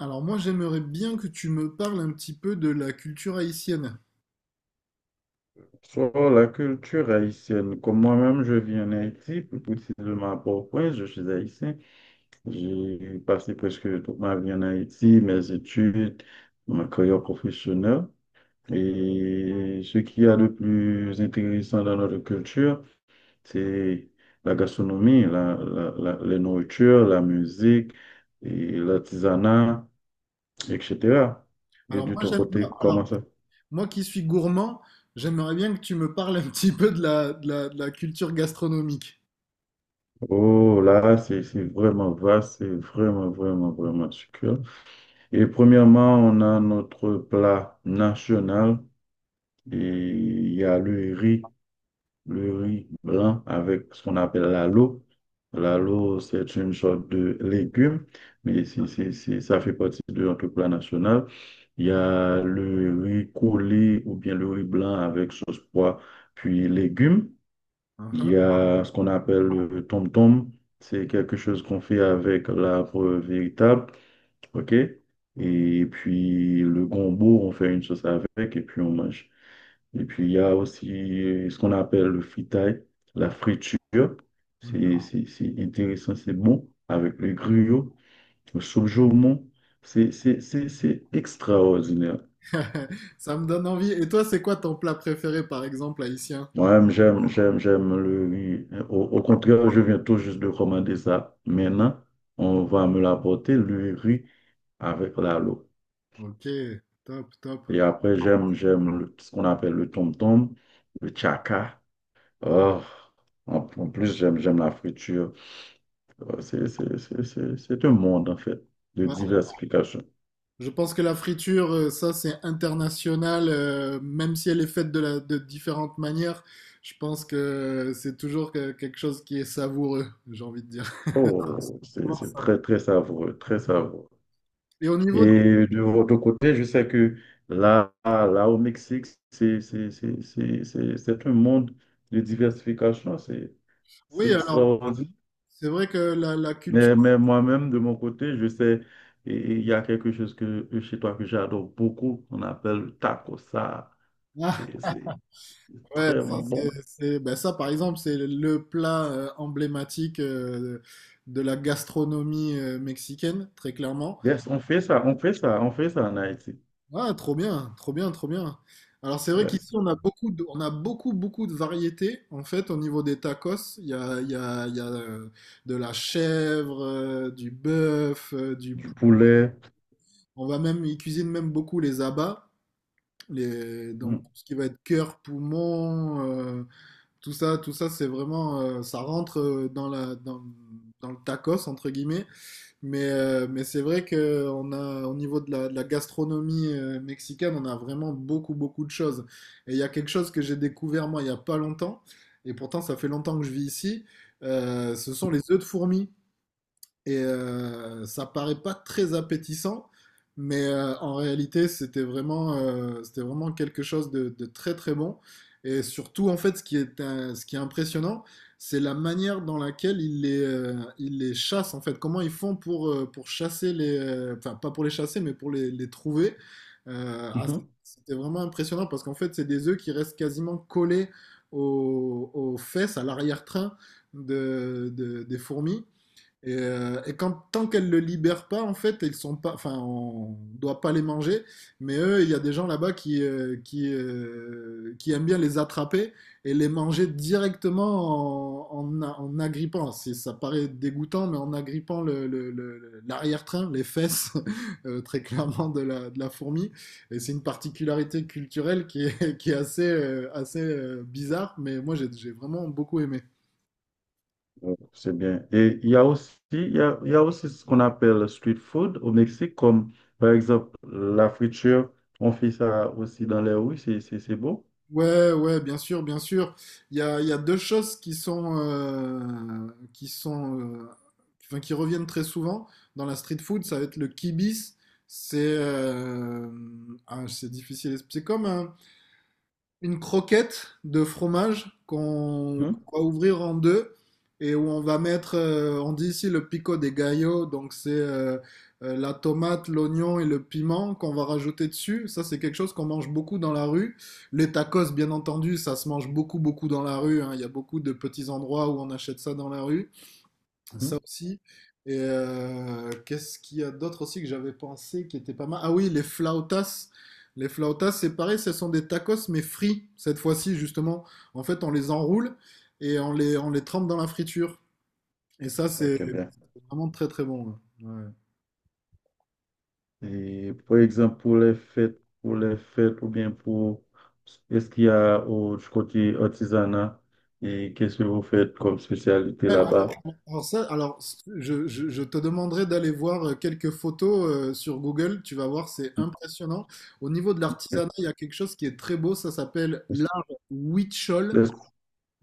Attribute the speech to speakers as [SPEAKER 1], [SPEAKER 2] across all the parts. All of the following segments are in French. [SPEAKER 1] Alors moi, j'aimerais bien que tu me parles un petit peu de la culture haïtienne.
[SPEAKER 2] Sur la culture haïtienne, comme moi-même, je vis en Haïti, plus précisément à Port-au-Prince, je suis haïtien. J'ai passé presque toute ma vie en Haïti, mes études, ma carrière professionnelle. Et ce qu'il y a de plus intéressant dans notre culture, c'est la gastronomie, les nourritures, la musique, et l'artisanat, etc. Et
[SPEAKER 1] Alors
[SPEAKER 2] de
[SPEAKER 1] moi,
[SPEAKER 2] ton
[SPEAKER 1] j'aime,
[SPEAKER 2] côté,
[SPEAKER 1] alors
[SPEAKER 2] comment ça?
[SPEAKER 1] moi qui suis gourmand, j'aimerais bien que tu me parles un petit peu de la culture gastronomique.
[SPEAKER 2] Oh, là, c'est vraiment vaste, c'est vraiment, vraiment, vraiment succulent. Et premièrement, on a notre plat national et il y a le riz blanc avec ce qu'on appelle l'alo. L'alo, c'est une sorte de légume, mais ça fait partie de notre plat national. Il y a le riz collé ou bien le riz blanc avec sauce pois, puis légumes. Il
[SPEAKER 1] Uhum,
[SPEAKER 2] y a ce qu'on appelle le tom-tom. C'est quelque chose qu'on fait avec l'arbre véritable. OK? Et puis le gombo, on fait une sauce avec et puis on mange. Et puis il y a aussi ce qu'on appelle le fritaille, la friture.
[SPEAKER 1] mhm.
[SPEAKER 2] C'est intéressant, c'est bon. Avec le gruyot, le soupe jaumon. C'est extraordinaire.
[SPEAKER 1] Ça me donne envie. Et toi, c'est quoi ton plat préféré, par exemple, haïtien?
[SPEAKER 2] Moi, j'aime le riz. Au contraire, je viens tout juste de commander ça. Maintenant, on va me l'apporter, le riz avec la l'eau.
[SPEAKER 1] Ok, top, top.
[SPEAKER 2] Et après, j'aime ce qu'on appelle le tom-tom, le chaka. Oh, en plus, j'aime la friture. Oh, c'est un monde, en fait, de
[SPEAKER 1] Voilà.
[SPEAKER 2] diversification.
[SPEAKER 1] Je pense que la friture, ça, c'est international, même si elle est faite de différentes manières. Je pense que c'est toujours quelque chose qui est savoureux, j'ai envie de dire.
[SPEAKER 2] Oh, c'est,
[SPEAKER 1] Voir
[SPEAKER 2] c'est
[SPEAKER 1] ça.
[SPEAKER 2] très, très savoureux, très savoureux.
[SPEAKER 1] Et au
[SPEAKER 2] Et
[SPEAKER 1] niveau de...
[SPEAKER 2] de votre côté, je sais que là au Mexique, c'est un monde de diversification, c'est
[SPEAKER 1] Oui, alors,
[SPEAKER 2] extraordinaire.
[SPEAKER 1] c'est vrai que la
[SPEAKER 2] Mais,
[SPEAKER 1] culture...
[SPEAKER 2] mais moi-même, de mon côté, je sais, et il y a quelque chose que, chez toi que j'adore beaucoup, on appelle le taco, ça,
[SPEAKER 1] Ah,
[SPEAKER 2] c'est
[SPEAKER 1] ouais,
[SPEAKER 2] très
[SPEAKER 1] ça, c'est,
[SPEAKER 2] bon.
[SPEAKER 1] c'est- ben ça, par exemple, c'est le plat emblématique de la gastronomie mexicaine, très clairement.
[SPEAKER 2] Yes, on fait ça en Haïti.
[SPEAKER 1] Ah, trop bien, trop bien, trop bien. Alors, c'est vrai
[SPEAKER 2] Yes.
[SPEAKER 1] qu'ici, on a beaucoup, beaucoup de variétés. En fait, au niveau des tacos, il y a, il y a, il y a de la chèvre, du bœuf, du...
[SPEAKER 2] Du poulet.
[SPEAKER 1] On va même, ils cuisinent même beaucoup les abats. Donc
[SPEAKER 2] Mm.
[SPEAKER 1] tout ce qui va être cœur, poumon, tout ça, c'est vraiment, ça rentre dans le tacos entre guillemets. Mais c'est vrai que on a, au niveau de la gastronomie mexicaine, on a vraiment beaucoup, beaucoup de choses. Et il y a quelque chose que j'ai découvert moi il y a pas longtemps, et pourtant ça fait longtemps que je vis ici. Euh, ce sont les œufs de fourmi. Et ça paraît pas très appétissant, mais en réalité, c'était vraiment quelque chose de très très bon. Et surtout, en fait, ce qui est impressionnant, c'est la manière dans laquelle ils les chassent, en fait. Comment ils font pour chasser les... enfin, pas pour les chasser, mais pour les trouver. Ah, c'était vraiment impressionnant parce qu'en fait, c'est des œufs qui restent quasiment collés aux fesses, à l'arrière-train des fourmis. Et tant qu'elles ne le libèrent pas, en fait, ils sont pas, enfin, on ne doit pas les manger. Mais eux, il y a des gens là-bas qui aiment bien les attraper et les manger directement en agrippant. Ça paraît dégoûtant, mais en agrippant l'arrière-train, les fesses, très clairement, de la fourmi. Et c'est une particularité culturelle qui est, qui est assez bizarre, mais moi, j'ai vraiment beaucoup aimé.
[SPEAKER 2] Ouais, c'est bien. Et il y a aussi, il y a aussi ce qu'on appelle le street food au Mexique, comme par exemple la friture. On fait ça aussi dans les rues, c'est beau.
[SPEAKER 1] Ouais, ouais, bien sûr, bien sûr. Il y a deux choses qui sont, euh, qui, enfin, qui reviennent très souvent dans la street food. Ça va être le kibis. C'est, ah, c'est difficile. C'est comme une croquette de fromage qu'on
[SPEAKER 2] Hum,
[SPEAKER 1] qu'on va ouvrir en deux et où on va mettre, on dit ici le pico de gallo, donc c'est la tomate, l'oignon et le piment qu'on va rajouter dessus. Ça, c'est quelque chose qu'on mange beaucoup dans la rue. Les tacos, bien entendu, ça se mange beaucoup, beaucoup dans la rue, hein. Il y a beaucoup de petits endroits où on achète ça dans la rue. Ça
[SPEAKER 2] hum.
[SPEAKER 1] aussi. Et qu'est-ce qu'il y a d'autre aussi que j'avais pensé qui était pas mal? Ah oui, les flautas. Les flautas, c'est pareil, ce sont des tacos mais frits cette fois-ci justement. En fait, on les enroule et on les trempe dans la friture. Et ça, c'est
[SPEAKER 2] Ok, bien.
[SPEAKER 1] c'est vraiment très très bon. Ouais.
[SPEAKER 2] Et par exemple, pour les fêtes ou bien pour... Est-ce qu'il y a au, du côté artisanat et qu'est-ce que vous faites comme spécialité
[SPEAKER 1] Ouais. Ouais,
[SPEAKER 2] là-bas?
[SPEAKER 1] alors ça, alors je te demanderai d'aller voir quelques photos sur Google. Tu vas voir, c'est impressionnant. Au niveau de l'artisanat, il y a quelque chose qui est très beau. Ça s'appelle
[SPEAKER 2] Est-ce-
[SPEAKER 1] l'art huichol.
[SPEAKER 2] est-ce-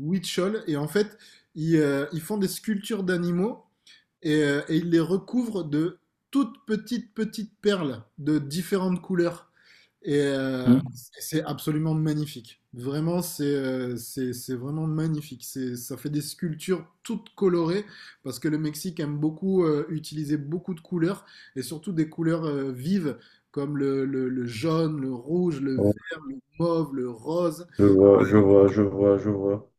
[SPEAKER 1] Huichol, et en fait, ils, ils font des sculptures d'animaux et ils les recouvrent de toutes petites, petites perles de différentes couleurs. Et
[SPEAKER 2] hum?
[SPEAKER 1] c'est absolument magnifique. Vraiment, c'est c'est vraiment magnifique. C'est ça fait des sculptures toutes colorées parce que le Mexique aime beaucoup utiliser beaucoup de couleurs et surtout des couleurs vives comme le jaune, le rouge, le
[SPEAKER 2] Oh,
[SPEAKER 1] vert, le mauve, le rose.
[SPEAKER 2] je vois.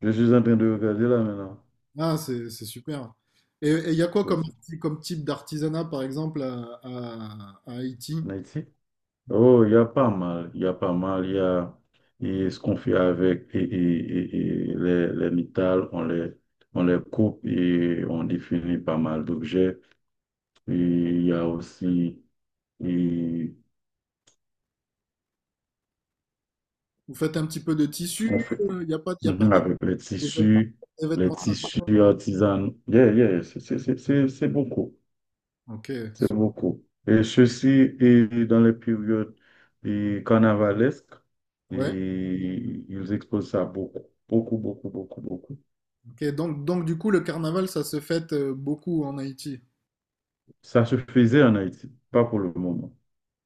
[SPEAKER 2] Je suis en train de regarder là maintenant.
[SPEAKER 1] Ah, c'est super. Et il y a quoi comme, comme type d'artisanat, par exemple, à Haïti?
[SPEAKER 2] En Haïti. Oh, il y a pas mal, il y a et ce qu'on fait avec et les métals, on les coupe et on définit pas mal d'objets. Et il y a aussi et
[SPEAKER 1] Vous faites un petit peu de
[SPEAKER 2] ce qu'on
[SPEAKER 1] tissu?
[SPEAKER 2] fait.
[SPEAKER 1] Il n'y a pas, y a pas
[SPEAKER 2] Mhm,
[SPEAKER 1] des,
[SPEAKER 2] avec
[SPEAKER 1] des vêtements, des
[SPEAKER 2] les
[SPEAKER 1] vêtements
[SPEAKER 2] tissus
[SPEAKER 1] traditionnels?
[SPEAKER 2] artisanaux. Yeah, yeah, c'est beaucoup,
[SPEAKER 1] Ok,
[SPEAKER 2] c'est
[SPEAKER 1] su-
[SPEAKER 2] beaucoup. Et ceci est dans les périodes et carnavalesques
[SPEAKER 1] ouais.
[SPEAKER 2] et ils exposent ça beaucoup, beaucoup, beaucoup, beaucoup, beaucoup.
[SPEAKER 1] Ok, donc du coup, le carnaval, ça se fête beaucoup en Haïti.
[SPEAKER 2] Ça se faisait en Haïti, pas pour le moment.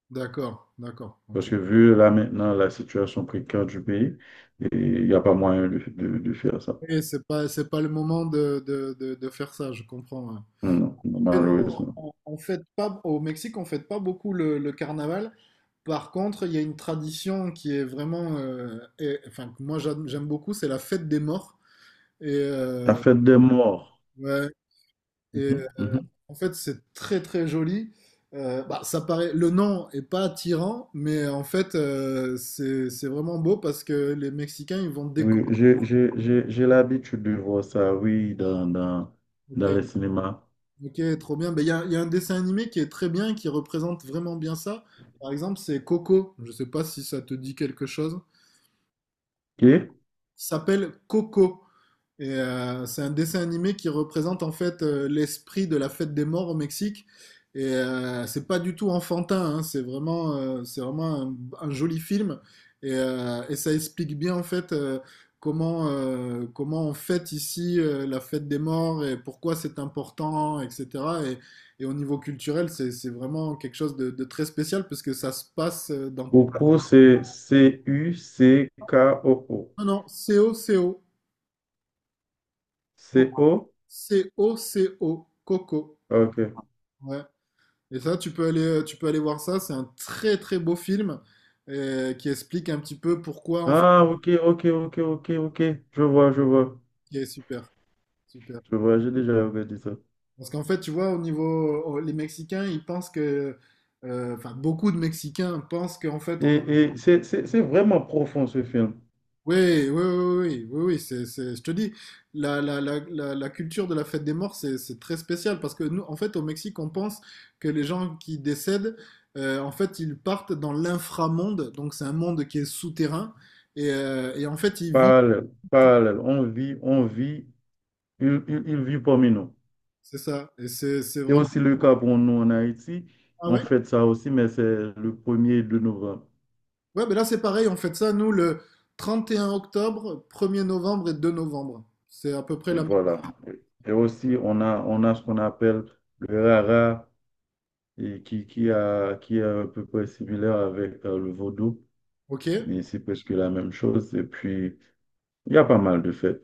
[SPEAKER 1] D'accord, d'accord, ok.
[SPEAKER 2] Parce que vu là maintenant la situation précaire du pays, et il n'y a pas moyen de, de faire ça.
[SPEAKER 1] Et c'est pas le moment de faire ça, je comprends. Ouais.
[SPEAKER 2] Non, non,
[SPEAKER 1] Et nous,
[SPEAKER 2] malheureusement.
[SPEAKER 1] on fête pas, au Mexique, on fête pas beaucoup le carnaval. Par contre, il y a une tradition qui est vraiment, et- enfin que moi j'aime beaucoup, c'est la fête des morts. Et
[SPEAKER 2] La fête des morts.
[SPEAKER 1] ouais, et
[SPEAKER 2] Mhm, mhm.
[SPEAKER 1] en fait c'est très très joli. Bah, ça paraît, le nom est pas attirant, mais en fait c'est vraiment beau parce que les Mexicains ils vont décorer.
[SPEAKER 2] Oui, j'ai l'habitude de voir ça, oui, dans les
[SPEAKER 1] Ok,
[SPEAKER 2] cinémas.
[SPEAKER 1] ok, trop bien. Ben il y a un dessin animé qui est très bien, qui représente vraiment bien ça. Par exemple, c'est Coco. Je sais pas si ça te dit quelque chose.
[SPEAKER 2] OK?
[SPEAKER 1] S'appelle Coco. Et c'est un dessin animé qui représente en fait l'esprit de la fête des morts au Mexique. Et c'est pas du tout enfantin, hein, c'est vraiment un joli film. Et ça explique bien en fait comment, comment on fête ici la fête des morts et pourquoi c'est important, etc. Et au niveau culturel, c'est vraiment quelque chose de très spécial parce que ça se passe dans...
[SPEAKER 2] Coco, c'est C-U-C-K-O-O.
[SPEAKER 1] Non, non, C O C O
[SPEAKER 2] C-O?
[SPEAKER 1] Coco, Coco.
[SPEAKER 2] OK.
[SPEAKER 1] Ouais. Et ça, tu peux aller voir ça. C'est un très très beau film qui explique un petit peu pourquoi en fait.
[SPEAKER 2] Ah, OK, OK, OK, OK, OK. Je vois, je vois.
[SPEAKER 1] Qui est super, super.
[SPEAKER 2] Je vois, j'ai déjà regardé ça.
[SPEAKER 1] Parce qu'en fait, tu vois, au niveau, les Mexicains, ils pensent que, enfin, beaucoup de Mexicains pensent qu'en fait, en.
[SPEAKER 2] Et c'est vraiment profond ce film.
[SPEAKER 1] Oui, oui, oui, oui, oui, oui, je te dis, la culture de la fête des morts, c'est très spécial parce que nous, en fait, au Mexique, on pense que les gens qui décèdent, en fait, ils partent dans l'inframonde, donc c'est un monde qui est souterrain, et en fait, ils vivent,
[SPEAKER 2] Parallèle, parallèle. On vit, il vit parmi nous.
[SPEAKER 1] c'est ça, et c'est
[SPEAKER 2] C'est
[SPEAKER 1] vraiment.
[SPEAKER 2] aussi le cas pour nous en Haïti.
[SPEAKER 1] Ah
[SPEAKER 2] On
[SPEAKER 1] ouais?
[SPEAKER 2] fête ça aussi, mais c'est le premier er de novembre.
[SPEAKER 1] Ouais, mais là, c'est pareil, on fait ça, nous, le 31 octobre, 1er novembre et 2 novembre. C'est à peu près
[SPEAKER 2] Et
[SPEAKER 1] la même.
[SPEAKER 2] voilà. Et aussi, on a ce qu'on appelle le rara, et qui est à peu près similaire avec le vaudou,
[SPEAKER 1] Ok?
[SPEAKER 2] mais c'est presque la même chose. Et puis, il y a pas mal de fêtes.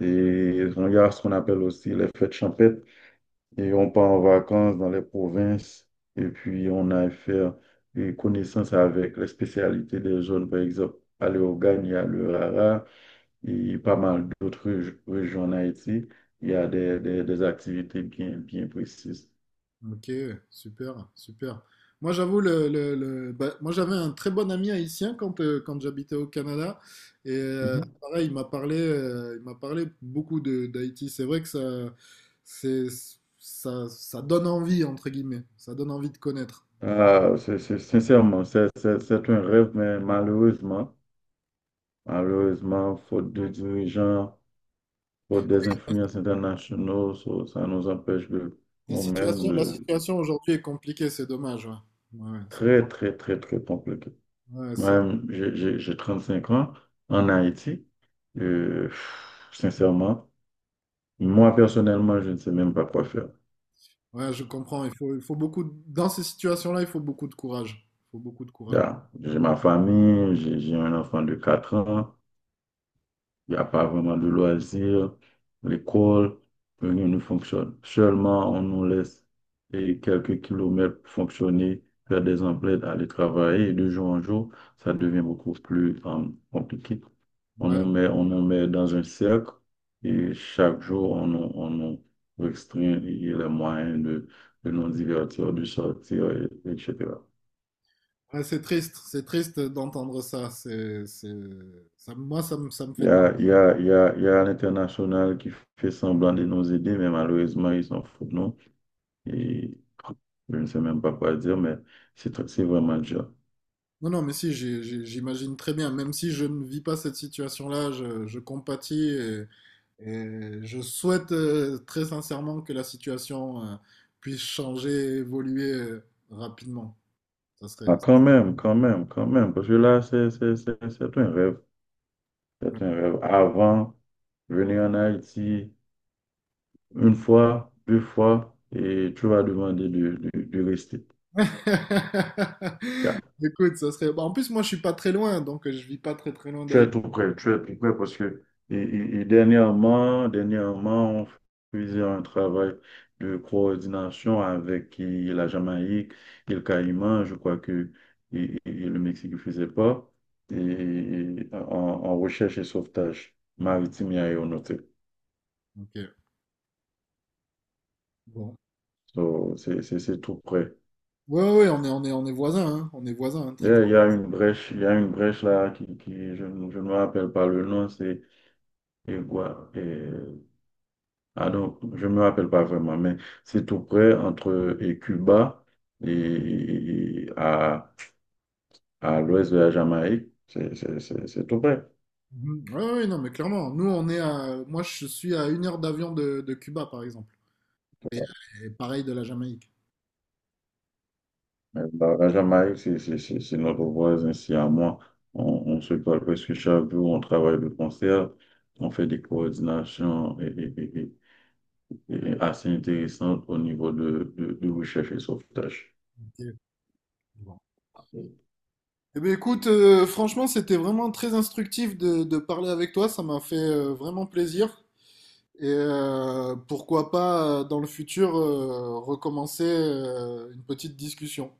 [SPEAKER 2] Et il y a ce qu'on appelle aussi les fêtes champêtres. Et on part en vacances dans les provinces et puis on a affaire et connaissance avec les spécialités des zones, par exemple, à l'Eogane, il y a le Rara et pas mal d'autres régions en Haïti. Il y a des activités bien, bien précises.
[SPEAKER 1] Ok, super, super. Moi, j'avoue, le- bah, moi, j'avais un très bon ami haïtien quand, quand j'habitais au Canada. Et
[SPEAKER 2] Mhm.
[SPEAKER 1] pareil, il m'a parlé beaucoup de d'Haïti. C'est vrai que ça, c'est, ça donne envie, entre guillemets. Ça donne envie de connaître.
[SPEAKER 2] Ah, sincèrement, c'est un rêve, mais malheureusement, malheureusement, faute de dirigeants, faute des influences internationaux, ça nous empêche de nous-mêmes
[SPEAKER 1] La
[SPEAKER 2] de
[SPEAKER 1] situation aujourd'hui est compliquée, c'est dommage. Ouais, ouais, ouais,
[SPEAKER 2] très, très, très, très compliqué.
[SPEAKER 1] ouais,
[SPEAKER 2] Moi, j'ai 35 ans en Haïti. Sincèrement, moi personnellement, je ne sais même pas quoi faire.
[SPEAKER 1] ouais, je comprends. Il faut, il faut beaucoup dans ces situations-là, il faut beaucoup de courage. Il faut beaucoup de courage.
[SPEAKER 2] Là, j'ai ma famille, j'ai un enfant de 4 ans, il n'y a pas vraiment de loisirs, l'école, rien ne fonctionne. Seulement, on nous laisse et quelques kilomètres pour fonctionner, faire des emplettes, aller travailler, et de jour en jour, ça devient beaucoup plus compliqué.
[SPEAKER 1] Ouais.
[SPEAKER 2] On nous met dans un cercle et chaque jour, on nous restreint les moyens de, nous divertir, de sortir, etc.
[SPEAKER 1] Ouais, c'est triste d'entendre ça. C'est, ça, moi, ça me
[SPEAKER 2] Il
[SPEAKER 1] fait
[SPEAKER 2] y
[SPEAKER 1] de la...
[SPEAKER 2] a, il y a, il y a, il y a l'international qui fait semblant de nous aider, mais malheureusement, ils s'en foutent de nous. Et je ne sais même pas quoi dire, mais c'est vraiment dur.
[SPEAKER 1] Non, non, mais si, j'imagine très bien. Même si je ne vis pas cette situation-là, je compatis et je souhaite très sincèrement que la situation puisse changer, évoluer rapidement. Ça serait...
[SPEAKER 2] Ah, quand même, quand même, quand même, parce que là, c'est un rêve.
[SPEAKER 1] Ouais.
[SPEAKER 2] C'est un rêve. Avant, venir en Haïti, une fois, deux fois, et tu vas demander de, de rester. Yeah.
[SPEAKER 1] Écoute, ça serait... bah, en plus, moi, je suis pas très loin, donc je vis pas très très loin
[SPEAKER 2] Tu es
[SPEAKER 1] d'Haïti.
[SPEAKER 2] tout prêt, tu es tout prêt parce que et dernièrement, dernièrement, on faisait un travail de coordination avec la Jamaïque et le Caïman, je crois que et le Mexique ne faisait pas, et en en recherche et sauvetage maritime et aéronautique.
[SPEAKER 1] Ok, bon.
[SPEAKER 2] So, c'est tout prêt.
[SPEAKER 1] Ouais, ouais, on est voisins, hein. On est voisins, hein,
[SPEAKER 2] Il y
[SPEAKER 1] très.
[SPEAKER 2] a une brèche, il y a une brèche là je ne me rappelle pas le nom, c'est... Et Gua- et- ah non, je ne me rappelle pas vraiment, mais c'est tout près entre Cuba et à l'ouest de la Jamaïque. C'est tout près.
[SPEAKER 1] Mhm. Ouais, ouais, non, mais clairement, nous, on est à... Moi, je suis à 1 heure d'avion de Cuba, par exemple. Et, et pareil de la Jamaïque.
[SPEAKER 2] Mais la Jamaïque, c'est notre voisin ici à moi. On, on se parle presque chaque jour, on travaille de concert, on fait des coordinations et assez intéressantes au niveau de, de recherche et sauvetage.
[SPEAKER 1] Ok. Bon. Eh bien, écoute, franchement, c'était vraiment très instructif de parler avec toi. Ça m'a fait vraiment plaisir. Et pourquoi pas, dans le futur, recommencer une petite discussion.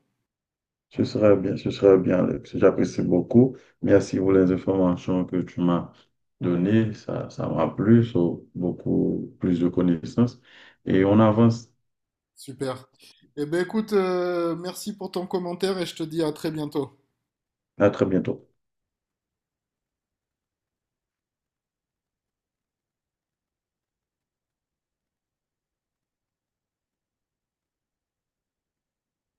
[SPEAKER 2] Ce serait bien, Alex. J'apprécie beaucoup. Merci pour les informations que tu m'as données. Ça m'a plu, so, beaucoup plus de connaissances. Et on avance.
[SPEAKER 1] Super. Eh bien, écoute, merci pour ton commentaire et je te dis à très bientôt.
[SPEAKER 2] À très bientôt.